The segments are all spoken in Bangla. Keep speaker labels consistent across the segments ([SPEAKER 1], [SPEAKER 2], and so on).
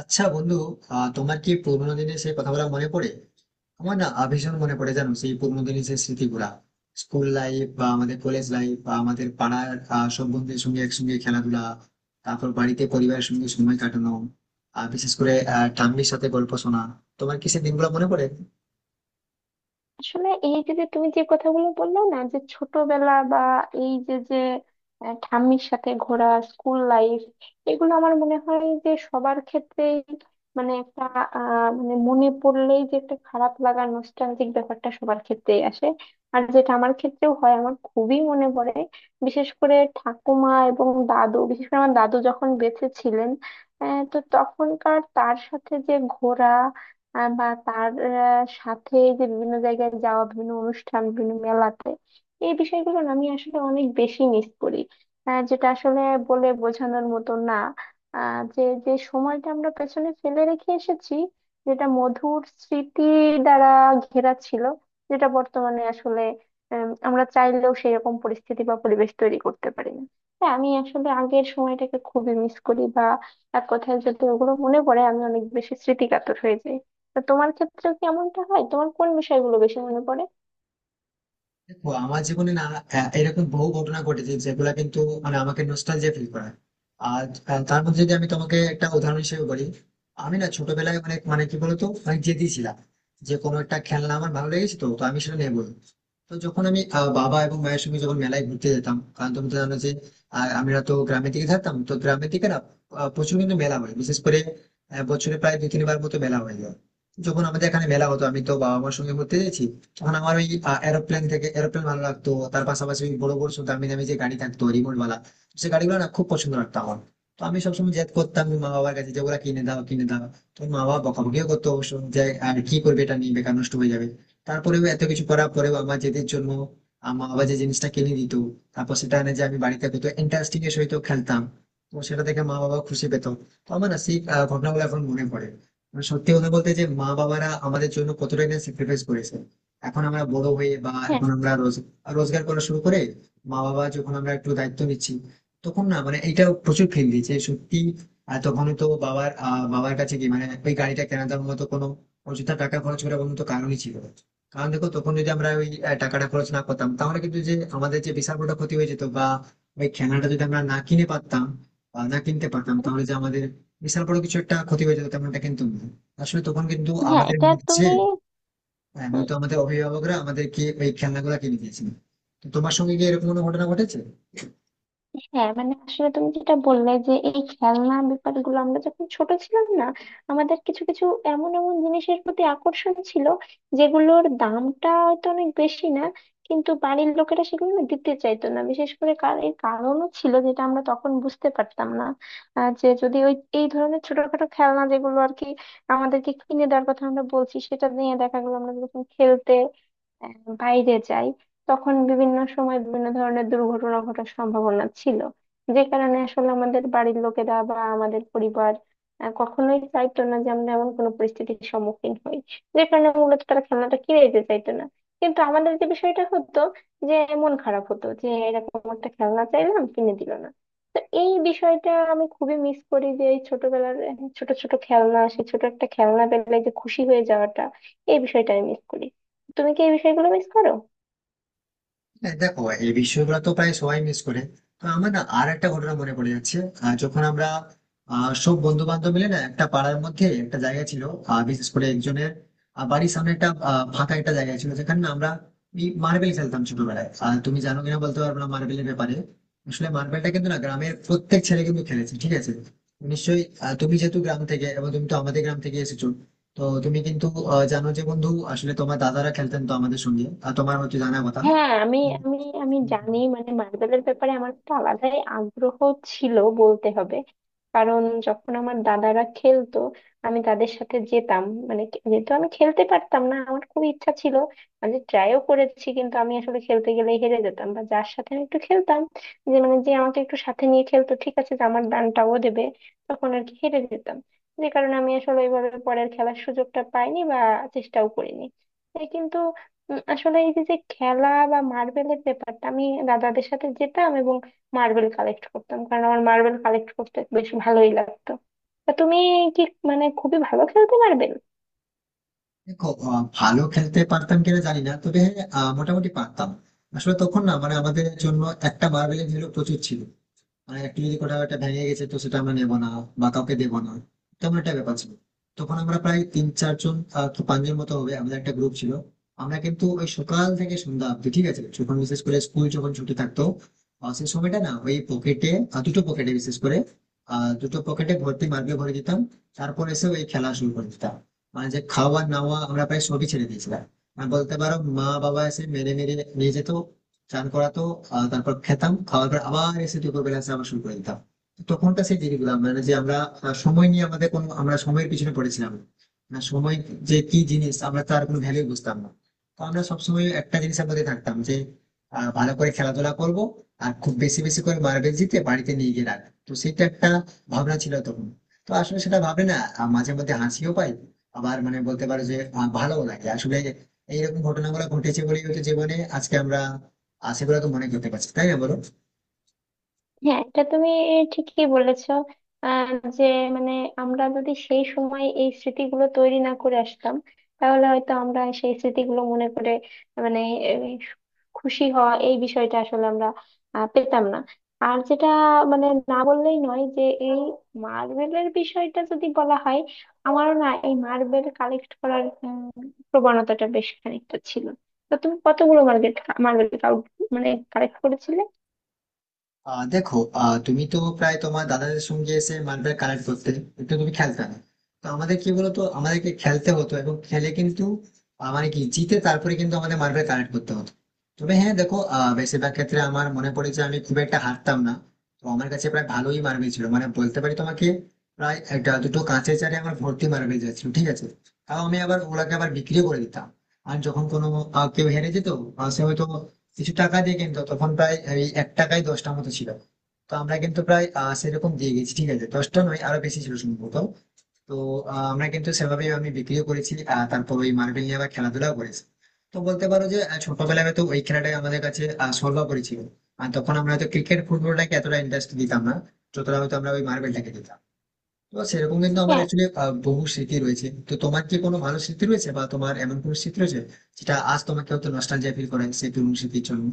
[SPEAKER 1] আচ্ছা বন্ধু, তোমার কি পুরোনো দিনের সেই কথাগুলো মনে পড়ে? আমার না ভীষণ মনে পড়ে, জানো সেই পুরোনো দিনের সেই স্মৃতিগুলা। স্কুল লাইফ বা আমাদের কলেজ লাইফ বা আমাদের পাড়ার সব বন্ধুদের সঙ্গে একসঙ্গে খেলাধুলা। তারপর বাড়িতে পরিবারের সঙ্গে সময় কাটানো। আর বিশেষ করে ঠাম্মির সাথে গল্প শোনা। তোমার কি সেই দিনগুলো মনে পড়ে?
[SPEAKER 2] আসলে এই যে যে তুমি যে কথাগুলো বললে না, যে ছোটবেলা বা এই যে যে আহ, ঠাম্মির সাথে ঘোরা, স্কুল লাইফ, এগুলো আমার মনে হয় যে সবার ক্ষেত্রেই, মানে একটা মানে মনে পড়লেই যে একটা খারাপ লাগা, নস্টালজিক ব্যাপারটা সবার ক্ষেত্রেই আসে। আর যেটা আমার ক্ষেত্রেও হয়, আমার খুবই মনে পড়ে, বিশেষ করে ঠাকুমা এবং দাদু, বিশেষ করে আমার দাদু যখন বেঁচে ছিলেন। তো তখনকার তার সাথে যে ঘোরা, বা তার সাথে যে বিভিন্ন জায়গায় যাওয়া, বিভিন্ন অনুষ্ঠান, বিভিন্ন মেলাতে, এই বিষয়গুলো না আমি আসলে অনেক বেশি মিস করি। যেটা আসলে বলে বোঝানোর মতো না। যে যে সময়টা আমরা পেছনে ফেলে রেখে এসেছি, যেটা মধুর স্মৃতি দ্বারা ঘেরা ছিল, যেটা বর্তমানে আসলে আমরা চাইলেও সেরকম পরিস্থিতি বা পরিবেশ তৈরি করতে পারি না। হ্যাঁ, আমি আসলে আগের সময়টাকে খুবই মিস করি, বা এক কথায় যদি ওগুলো মনে পড়ে আমি অনেক বেশি স্মৃতিকাতর হয়ে যাই। তা তোমার ক্ষেত্রে কেমনটা হয়, তোমার কোন বিষয়গুলো বেশি মনে পড়ে?
[SPEAKER 1] দেখো, আমার জীবনে না এরকম বহু ঘটনা ঘটেছে যেগুলো কিন্তু মানে আমাকে নস্টালজিয়া ফিল করায়। আর তার মধ্যে যদি আমি তোমাকে একটা উদাহরণ হিসেবে বলি। আমি না ছোটবেলায় অনেক, মানে কি বলতো, অনেক জেদি ছিলাম। যে কোনো একটা খেলনা আমার ভালো লেগেছে তো তো আমি সেটা নেবো। তো যখন আমি বাবা এবং মায়ের সঙ্গে যখন মেলায় ঘুরতে যেতাম, কারণ তুমি তো জানো যে আমরা তো গ্রামের দিকে থাকতাম, তো গ্রামের দিকে না প্রচুর কিন্তু মেলা হয়, বিশেষ করে বছরে প্রায় দু তিনবার মতো মেলা হয়ে যায়। যখন আমাদের এখানে মেলা হতো, আমি তো বাবা মার সঙ্গে ঘুরতে গেছি। তখন আমার ওই এরোপ্লেন, থেকে এরোপ্লেন ভালো লাগতো, তার পাশাপাশি ওই বড় বড় সব দামি দামি যে গাড়ি থাকতো, রিমোট ওয়ালা, সে গাড়িগুলো না খুব পছন্দ লাগতো আমার। তো আমি সবসময় জেদ করতাম মা বাবার কাছে যে ওরা কিনে দাও কিনে দাও। তো মা বাবা বকাবকিও করতো অবশ্য, যে আর কি করবে, এটা নিয়ে বেকার নষ্ট হয়ে যাবে। তারপরেও এত কিছু করার পরেও, আমার জেদের জন্য আমার বাবা যে জিনিসটা কিনে দিত, তারপর সেটা এনে যে আমি বাড়িতে কত ইন্টারেস্টিং এর সহিত খেলতাম, তো সেটা দেখে মা বাবা খুশি পেত। তো আমার না সেই ঘটনাগুলো এখন মনে পড়ে। মানে সত্যি কথা বলতে, যে মা বাবারা আমাদের জন্য কতটাই না স্যাক্রিফাইস করেছে। এখন আমরা বড় হয়ে, বা
[SPEAKER 2] হ্যাঁ,
[SPEAKER 1] এখন আমরা রোজগার করা শুরু করে, মা বাবা, যখন আমরা একটু দায়িত্ব নিচ্ছি, তখন না মানে এটা প্রচুর ফিল দিয়েছে সত্যি। আর তখন তো বাবার বাবার কাছে কি মানে ওই গাড়িটা কেনার মতো কোনো অযথা টাকা খরচ করার কোনো তো কারণই ছিল না। কারণ দেখো, তখন যদি আমরা ওই টাকাটা খরচ না করতাম, তাহলে কিন্তু যে আমাদের যে বিশাল বড় ক্ষতি হয়ে যেত, বা ওই খেলনাটা যদি আমরা না কিনে পারতাম বা না কিনতে পারতাম, তাহলে যে আমাদের বিশাল বড় কিছু একটা ক্ষতি হয়ে যেত, তেমনটা কিন্তু না। আসলে তখন কিন্তু
[SPEAKER 2] হ্যাঁ,
[SPEAKER 1] আমাদের
[SPEAKER 2] এটা
[SPEAKER 1] মনে হচ্ছে
[SPEAKER 2] তুমি।
[SPEAKER 1] হ্যাঁ, হয়তো আমাদের অভিভাবকরা আমাদেরকে ওই খেলনাগুলা কিনে দিয়েছিল। তো তোমার সঙ্গে কি এরকম কোনো ঘটনা ঘটেছে?
[SPEAKER 2] হ্যাঁ, মানে আসলে তুমি যেটা বললে যে এই খেলনা ব্যাপারগুলো, আমরা যখন ছোট ছিলাম না, আমাদের কিছু কিছু এমন এমন জিনিসের প্রতি আকর্ষণ ছিল যেগুলোর দামটা হয়তো অনেক বেশি না, কিন্তু বাড়ির লোকেরা সেগুলো না দিতে চাইতো না, বিশেষ করে কার এর কারণও ছিল যেটা আমরা তখন বুঝতে পারতাম না। যে যদি ওই এই ধরনের ছোটখাটো খেলনা, যেগুলো আর কি আমাদেরকে কিনে দেওয়ার কথা আমরা বলছি, সেটা নিয়ে দেখা গেলো আমরা যখন খেলতে বাইরে যাই, তখন বিভিন্ন সময় বিভিন্ন ধরনের দুর্ঘটনা ঘটার সম্ভাবনা ছিল, যে কারণে আসলে আমাদের বাড়ির লোকেরা বা আমাদের পরিবার কখনোই চাইতো না যে আমরা এমন কোনো পরিস্থিতির সম্মুখীন হই, যে কারণে মূলত তারা খেলনাটা কিনে দিতে চাইতো না। কিন্তু আমাদের যে বিষয়টা হতো, যে মন খারাপ হতো যে এরকম একটা খেলনা চাইলাম কিনে দিল না। তো এই বিষয়টা আমি খুবই মিস করি যে এই ছোটবেলার ছোট ছোট খেলনা, সে ছোট একটা খেলনা পেলে যে খুশি হয়ে যাওয়াটা, এই বিষয়টা আমি মিস করি। তুমি কি এই বিষয়গুলো মিস করো?
[SPEAKER 1] হ্যাঁ, দেখো, এই বিষয়গুলো তো প্রায় সবাই মিস করে। তো আমার না আর একটা ঘটনা মনে পড়ে যাচ্ছে। যখন আমরা সব বন্ধু বান্ধব মিলে না একটা পাড়ার মধ্যে একটা জায়গা ছিল, বিশেষ করে একজনের বাড়ির সামনে একটা ফাঁকা একটা জায়গা ছিল, যেখানে না আমরা মার্বেল খেলতাম ছোটবেলায়। আর তুমি জানো কিনা বলতে পারবো না মার্বেলের ব্যাপারে। আসলে মার্বেলটা কিন্তু না গ্রামের প্রত্যেক ছেলে কিন্তু খেলেছে, ঠিক আছে, নিশ্চয়ই তুমি যেহেতু গ্রাম থেকে, এবং তুমি তো আমাদের গ্রাম থেকে এসেছো, তো তুমি কিন্তু জানো। যে বন্ধু, আসলে তোমার দাদারা খেলতেন তো আমাদের সঙ্গে, আর তোমার হয়তো জানা কথা।
[SPEAKER 2] হ্যাঁ আমি,
[SPEAKER 1] তো
[SPEAKER 2] আমি আমি জানি মানে মার্বেলের ব্যাপারে আমার একটা আলাদাই আগ্রহ ছিল বলতে হবে। কারণ যখন আমার দাদারা খেলতো আমি তাদের সাথে যেতাম, মানে যেহেতু আমি খেলতে পারতাম না, আমার খুব ইচ্ছা ছিল। আমি ট্রাইও করেছি কিন্তু আমি আসলে খেলতে গেলে হেরে যেতাম, বা যার সাথে আমি একটু খেলতাম, যে মানে যে আমাকে একটু সাথে নিয়ে খেলতো ঠিক আছে, যে আমার দানটাও দেবে, তখন আর কি হেরে যেতাম। যে কারণে আমি আসলে ওইভাবে পরের খেলার সুযোগটা পাইনি বা চেষ্টাও করিনি। এই কিন্তু আসলে এই যে যে খেলা বা মার্বেলের ব্যাপারটা, আমি দাদাদের সাথে যেতাম এবং মার্বেল কালেক্ট করতাম, কারণ আমার মার্বেল কালেক্ট করতে বেশ ভালোই লাগতো। তা তুমি কি মানে খুবই ভালো খেলতে মার্বেল?
[SPEAKER 1] দেখো, ভালো খেলতে পারতাম কিনা জানি না, তবে হ্যাঁ, মোটামুটি পারতাম। আসলে তখন না মানে আমাদের জন্য একটা মার্বেলের ভ্যালু প্রচুর ছিল। মানে একটু যদি কোথাও একটা ভেঙে গেছে তো সেটা আমরা নেবো না বা কাউকে দেবো না, তেমন একটা ব্যাপার ছিল। তখন আমরা প্রায় তিন চারজন, কি পাঁচজন মতো হবে, আমাদের একটা গ্রুপ ছিল। আমরা কিন্তু ওই সকাল থেকে সন্ধ্যা অব্দি, ঠিক আছে, যখন বিশেষ করে স্কুল যখন ছুটি থাকতো, সেই সময়টা না ওই পকেটে, দুটো পকেটে, বিশেষ করে দুটো পকেটে ভর্তি মার্কে ভরে দিতাম। তারপর এসে ওই খেলা শুরু করে দিতাম। মানে যে খাওয়া নাওয়া আমরা প্রায় সবই ছেড়ে দিয়েছিলাম। আর বলতে পারো মা বাবা এসে মেরে মেরে নিয়ে যেত, চান করাতো, তারপর খেতাম। খাওয়ার পর আবার এসে দুপুরবেলা এসে আবার শুরু করে দিতাম। তো তখনকার সেই জিনিসগুলো, মানে যে আমরা সময় নিয়ে আমাদের কোনো, আমরা সময়ের পিছনে পড়েছিলাম না। না, সময় যে কি জিনিস আমরা তার কোনো ভ্যালু বুঝতাম না। তো আমরা সবসময় একটা জিনিসের মধ্যে থাকতাম যে ভালো করে খেলাধুলা করব আর খুব বেশি বেশি করে মার্বেল জিতে বাড়িতে নিয়ে গিয়ে রাখবো, তো সেটা একটা ভাবনা ছিল তখন। তো আসলে সেটা ভাবে না মাঝে মধ্যে হাসিও পাই, আবার মানে বলতে পারো যে ভালোও লাগে আসলে। এইরকম ঘটনাগুলো ঘটেছে বলেই হয়তো জীবনে আজকে আমরা সেগুলো তো মনে করতে পারছি, তাই না বলো?
[SPEAKER 2] হ্যাঁ এটা তুমি ঠিকই বলেছো। আহ যে মানে আমরা যদি সেই সময় এই স্মৃতিগুলো তৈরি না করে আসতাম, তাহলে হয়তো আমরা সেই স্মৃতিগুলো মনে করে, মানে এই খুশি হওয়া, এই বিষয়টা আসলে আমরা পেতাম না। আর যেটা মানে না বললেই নয় যে এই মার্বেলের বিষয়টা যদি বলা হয়, আমারও না এই মার্বেল কালেক্ট করার প্রবণতাটা বেশ খানিকটা ছিল। তো তুমি কতগুলো মার্বেল, মার্বেল মানে কালেক্ট করেছিলে?
[SPEAKER 1] দেখো, তুমি তো প্রায় তোমার দাদাদের সঙ্গে এসে মার্বেল কালেক্ট করতে, কিন্তু তুমি খেলতে না। তো আমাদের কি বলতো, আমাদেরকে খেলতে হতো এবং খেলে কিন্তু মানে কি জিতে, তারপরে কিন্তু আমাদের মার্বেল কালেক্ট করতে হতো। তবে হ্যাঁ, দেখো, বেশিরভাগ ক্ষেত্রে আমার মনে পড়ে যে আমি খুব একটা হারতাম না। তো আমার কাছে প্রায় ভালোই মার্বেল ছিল, মানে বলতে পারি তোমাকে প্রায় একটা দুটো কাঁচের চারে আমার ভর্তি মার্বেল যাচ্ছিল, ঠিক আছে। তাও আমি আবার ওগুলাকে আবার বিক্রিও করে দিতাম। আর যখন কোনো কেউ হেরে যেত, সে হয়তো কিছু টাকা দিয়ে, কিন্তু তখন প্রায় এই 1 টাকায় 10টার মতো ছিল। তো আমরা কিন্তু প্রায় সেরকম দিয়ে গেছি, ঠিক আছে, 10টা নয় আরো বেশি ছিল সম্ভবত। তো আমরা কিন্তু সেভাবে আমি বিক্রিও করেছি, তারপর ওই মার্বেল নিয়ে আবার খেলাধুলাও করেছি। তো বলতে পারো যে ছোটবেলায় হয়তো ওই খেলাটাই আমাদের কাছে সর্বোপরি ছিল। আর তখন আমরা হয়তো ক্রিকেট ফুটবলটাকে এতটা ইন্টারেস্ট দিতাম না যতটা হয়তো আমরা ওই মার্বেলটাকে দিতাম। তো সেরকম কিন্তু আমার অ্যাকচুয়ালি বহু স্মৃতি রয়েছে। তো তোমার কি কোনো ভালো স্মৃতি রয়েছে, বা তোমার এমন কোনো স্মৃতি রয়েছে যেটা আজ তোমাকে হয়তো নস্টালজিয়া ফিল করেন সেই পুরনো স্মৃতির জন্য?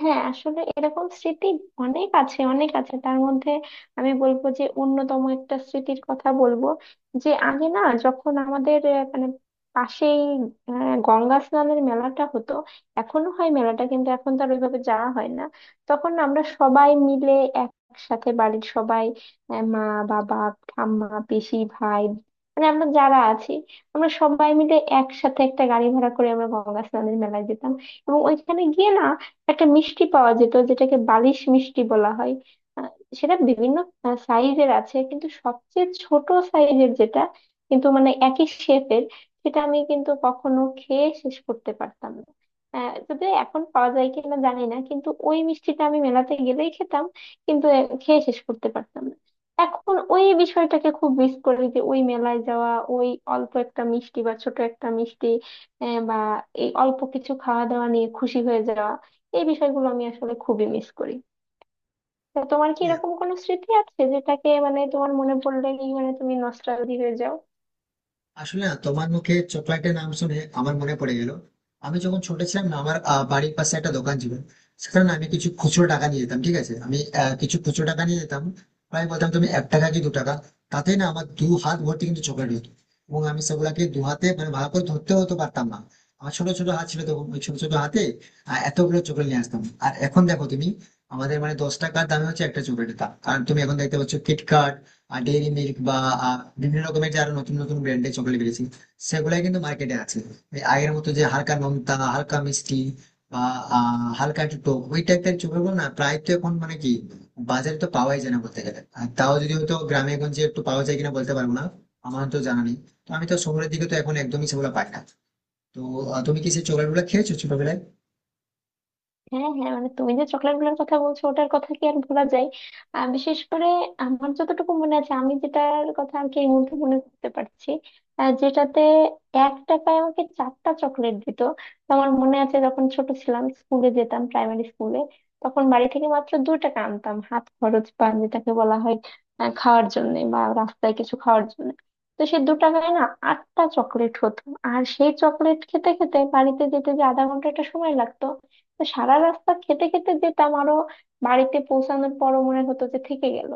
[SPEAKER 2] হ্যাঁ আসলে এরকম স্মৃতি অনেক আছে, অনেক আছে, তার মধ্যে আমি বলবো যে অন্যতম একটা স্মৃতির কথা বলবো। যে আগে না, যখন আমাদের মানে পাশেই গঙ্গা স্নানের মেলাটা হতো, এখনো হয় মেলাটা কিন্তু এখন তো আর ওইভাবে যাওয়া হয় না। তখন আমরা সবাই মিলে একসাথে, বাড়ির সবাই, মা, বাবা, ঠাম্মা, পিসি, ভাই, মানে আমরা যারা আছি, আমরা সবাই মিলে একসাথে একটা গাড়ি ভাড়া করে আমরা গঙ্গা স্নানের মেলায় যেতাম। এবং ওইখানে গিয়ে না একটা মিষ্টি পাওয়া যেত যেটাকে বালিশ মিষ্টি বলা হয়। আহ, সেটা বিভিন্ন সাইজের আছে, কিন্তু সবচেয়ে ছোট সাইজের যেটা, কিন্তু মানে একই শেপের, সেটা আমি কিন্তু কখনো খেয়ে শেষ করতে পারতাম না। যদিও এখন পাওয়া যায় কিনা জানি না, কিন্তু ওই মিষ্টিটা আমি মেলাতে গেলেই খেতাম, কিন্তু খেয়ে শেষ করতে পারতাম না। এখন ওই বিষয়টাকে খুব মিস করি, যে ওই মেলায় যাওয়া, ওই অল্প একটা মিষ্টি বা ছোট একটা মিষ্টি, বা এই অল্প কিছু খাওয়া দাওয়া নিয়ে খুশি হয়ে যাওয়া, এই বিষয়গুলো আমি আসলে খুবই মিস করি। তা তোমার কি এরকম কোনো স্মৃতি আছে যেটাকে মানে তোমার মনে পড়লেই মানে তুমি নস্টালজি হয়ে যাও?
[SPEAKER 1] আসলে না তোমার মুখে চকলেটের নাম শুনে আমার মনে পড়ে গেল। আমি যখন ছোট ছিলাম না, আমার বাড়ির পাশে একটা দোকান ছিল। সেখানে না আমি কিছু খুচরো টাকা নিয়ে যেতাম, ঠিক আছে, আমি কিছু খুচরো টাকা নিয়ে যেতাম, প্রায় বলতাম তুমি 1 টাকা কি 2 টাকা। তাতে না আমার দু হাত ভর্তি কিন্তু চকলেট হতো, এবং আমি সেগুলাকে দু হাতে মানে ভালো করে ধরতে হতো পারতাম না। আমার ছোট ছোট হাত ছিল তখন, ওই ছোট ছোট হাতে এতগুলো চকলেট নিয়ে আসতাম। আর এখন দেখো তুমি, আমাদের মানে 10 টাকার দামে হচ্ছে একটা চকলেটের দাম, কারণ তুমি এখন দেখতে পাচ্ছ কিটক্যাট, ডেইরি মিল্ক বা বিভিন্ন রকমের যে আরো নতুন নতুন ব্র্যান্ডের চকলেট বেরিয়েছে, সেগুলাই কিন্তু মার্কেটে আছে। এই আগের মতো যে হালকা নোনতা হালকা মিষ্টি বা হালকা একটু টক ওই টাইপের চকলেটগুলো না প্রায় তো এখন মানে কি বাজারে তো পাওয়াই যায় না বলতে গেলে। আর তাও যদি হয়তো গ্রামে গঞ্জে একটু পাওয়া যায় কিনা বলতে পারবো না, আমার তো জানা নেই। তো আমি তো শহরের দিকে তো এখন একদমই সেগুলো পাই না। তো তুমি কি সেই চকলেট গুলো খেয়েছো ছোটবেলায়?
[SPEAKER 2] হ্যাঁ, হ্যাঁ, মানে তুমি যে চকলেট গুলোর কথা বলছো ওটার কথা কি আর ভোলা যায়! বিশেষ করে আমার যতটুকু মনে আছে, আমি যেটার কথা আর কি এই মুহূর্তে মনে করতে পারছি, যেটাতে 1 টাকায় আমাকে 4টা চকলেট দিত। তো আমার মনে আছে যখন ছোট ছিলাম, স্কুলে যেতাম প্রাইমারি স্কুলে, তখন বাড়ি থেকে মাত্র 2 টাকা আনতাম হাত খরচ বা যেটাকে বলা হয়, খাওয়ার জন্য বা রাস্তায় কিছু খাওয়ার জন্য। তো সে 2 টাকায় না 8টা চকলেট হতো। আর সেই চকলেট খেতে খেতে বাড়িতে যেতে যে আধা ঘন্টা একটা সময় লাগতো, তো সারা রাস্তা খেতে খেতে যেতাম, আরো বাড়িতে পৌঁছানোর পরও মনে হতো যে থেকে গেল।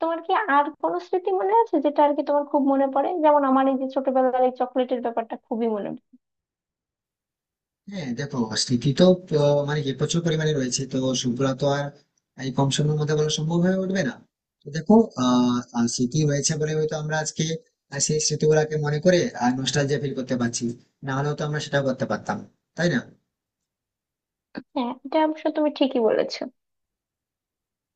[SPEAKER 2] তোমার কি আর কোনো স্মৃতি মনে আছে যেটা আর কি তোমার খুব মনে পড়ে, যেমন আমার এই যে ছোটবেলার এই চকলেটের ব্যাপারটা খুবই মনে পড়ে?
[SPEAKER 1] হ্যাঁ, দেখো, স্মৃতি তো মানে কি প্রচুর পরিমাণে রয়েছে, তো সেগুলো তো আর এই কম সময়ের মধ্যে বলা সম্ভব হয়ে উঠবে না। তো দেখো, আহ আহ, স্মৃতি হয়েছে বলে হয়তো আমরা আজকে সেই স্মৃতিগুলাকে মনে করে আর নস্টালজিয়া ফিল করতে পারছি, না হলেও তো আমরা সেটা করতে পারতাম, তাই না?
[SPEAKER 2] হ্যাঁ এটা অবশ্য তুমি ঠিকই বলেছো।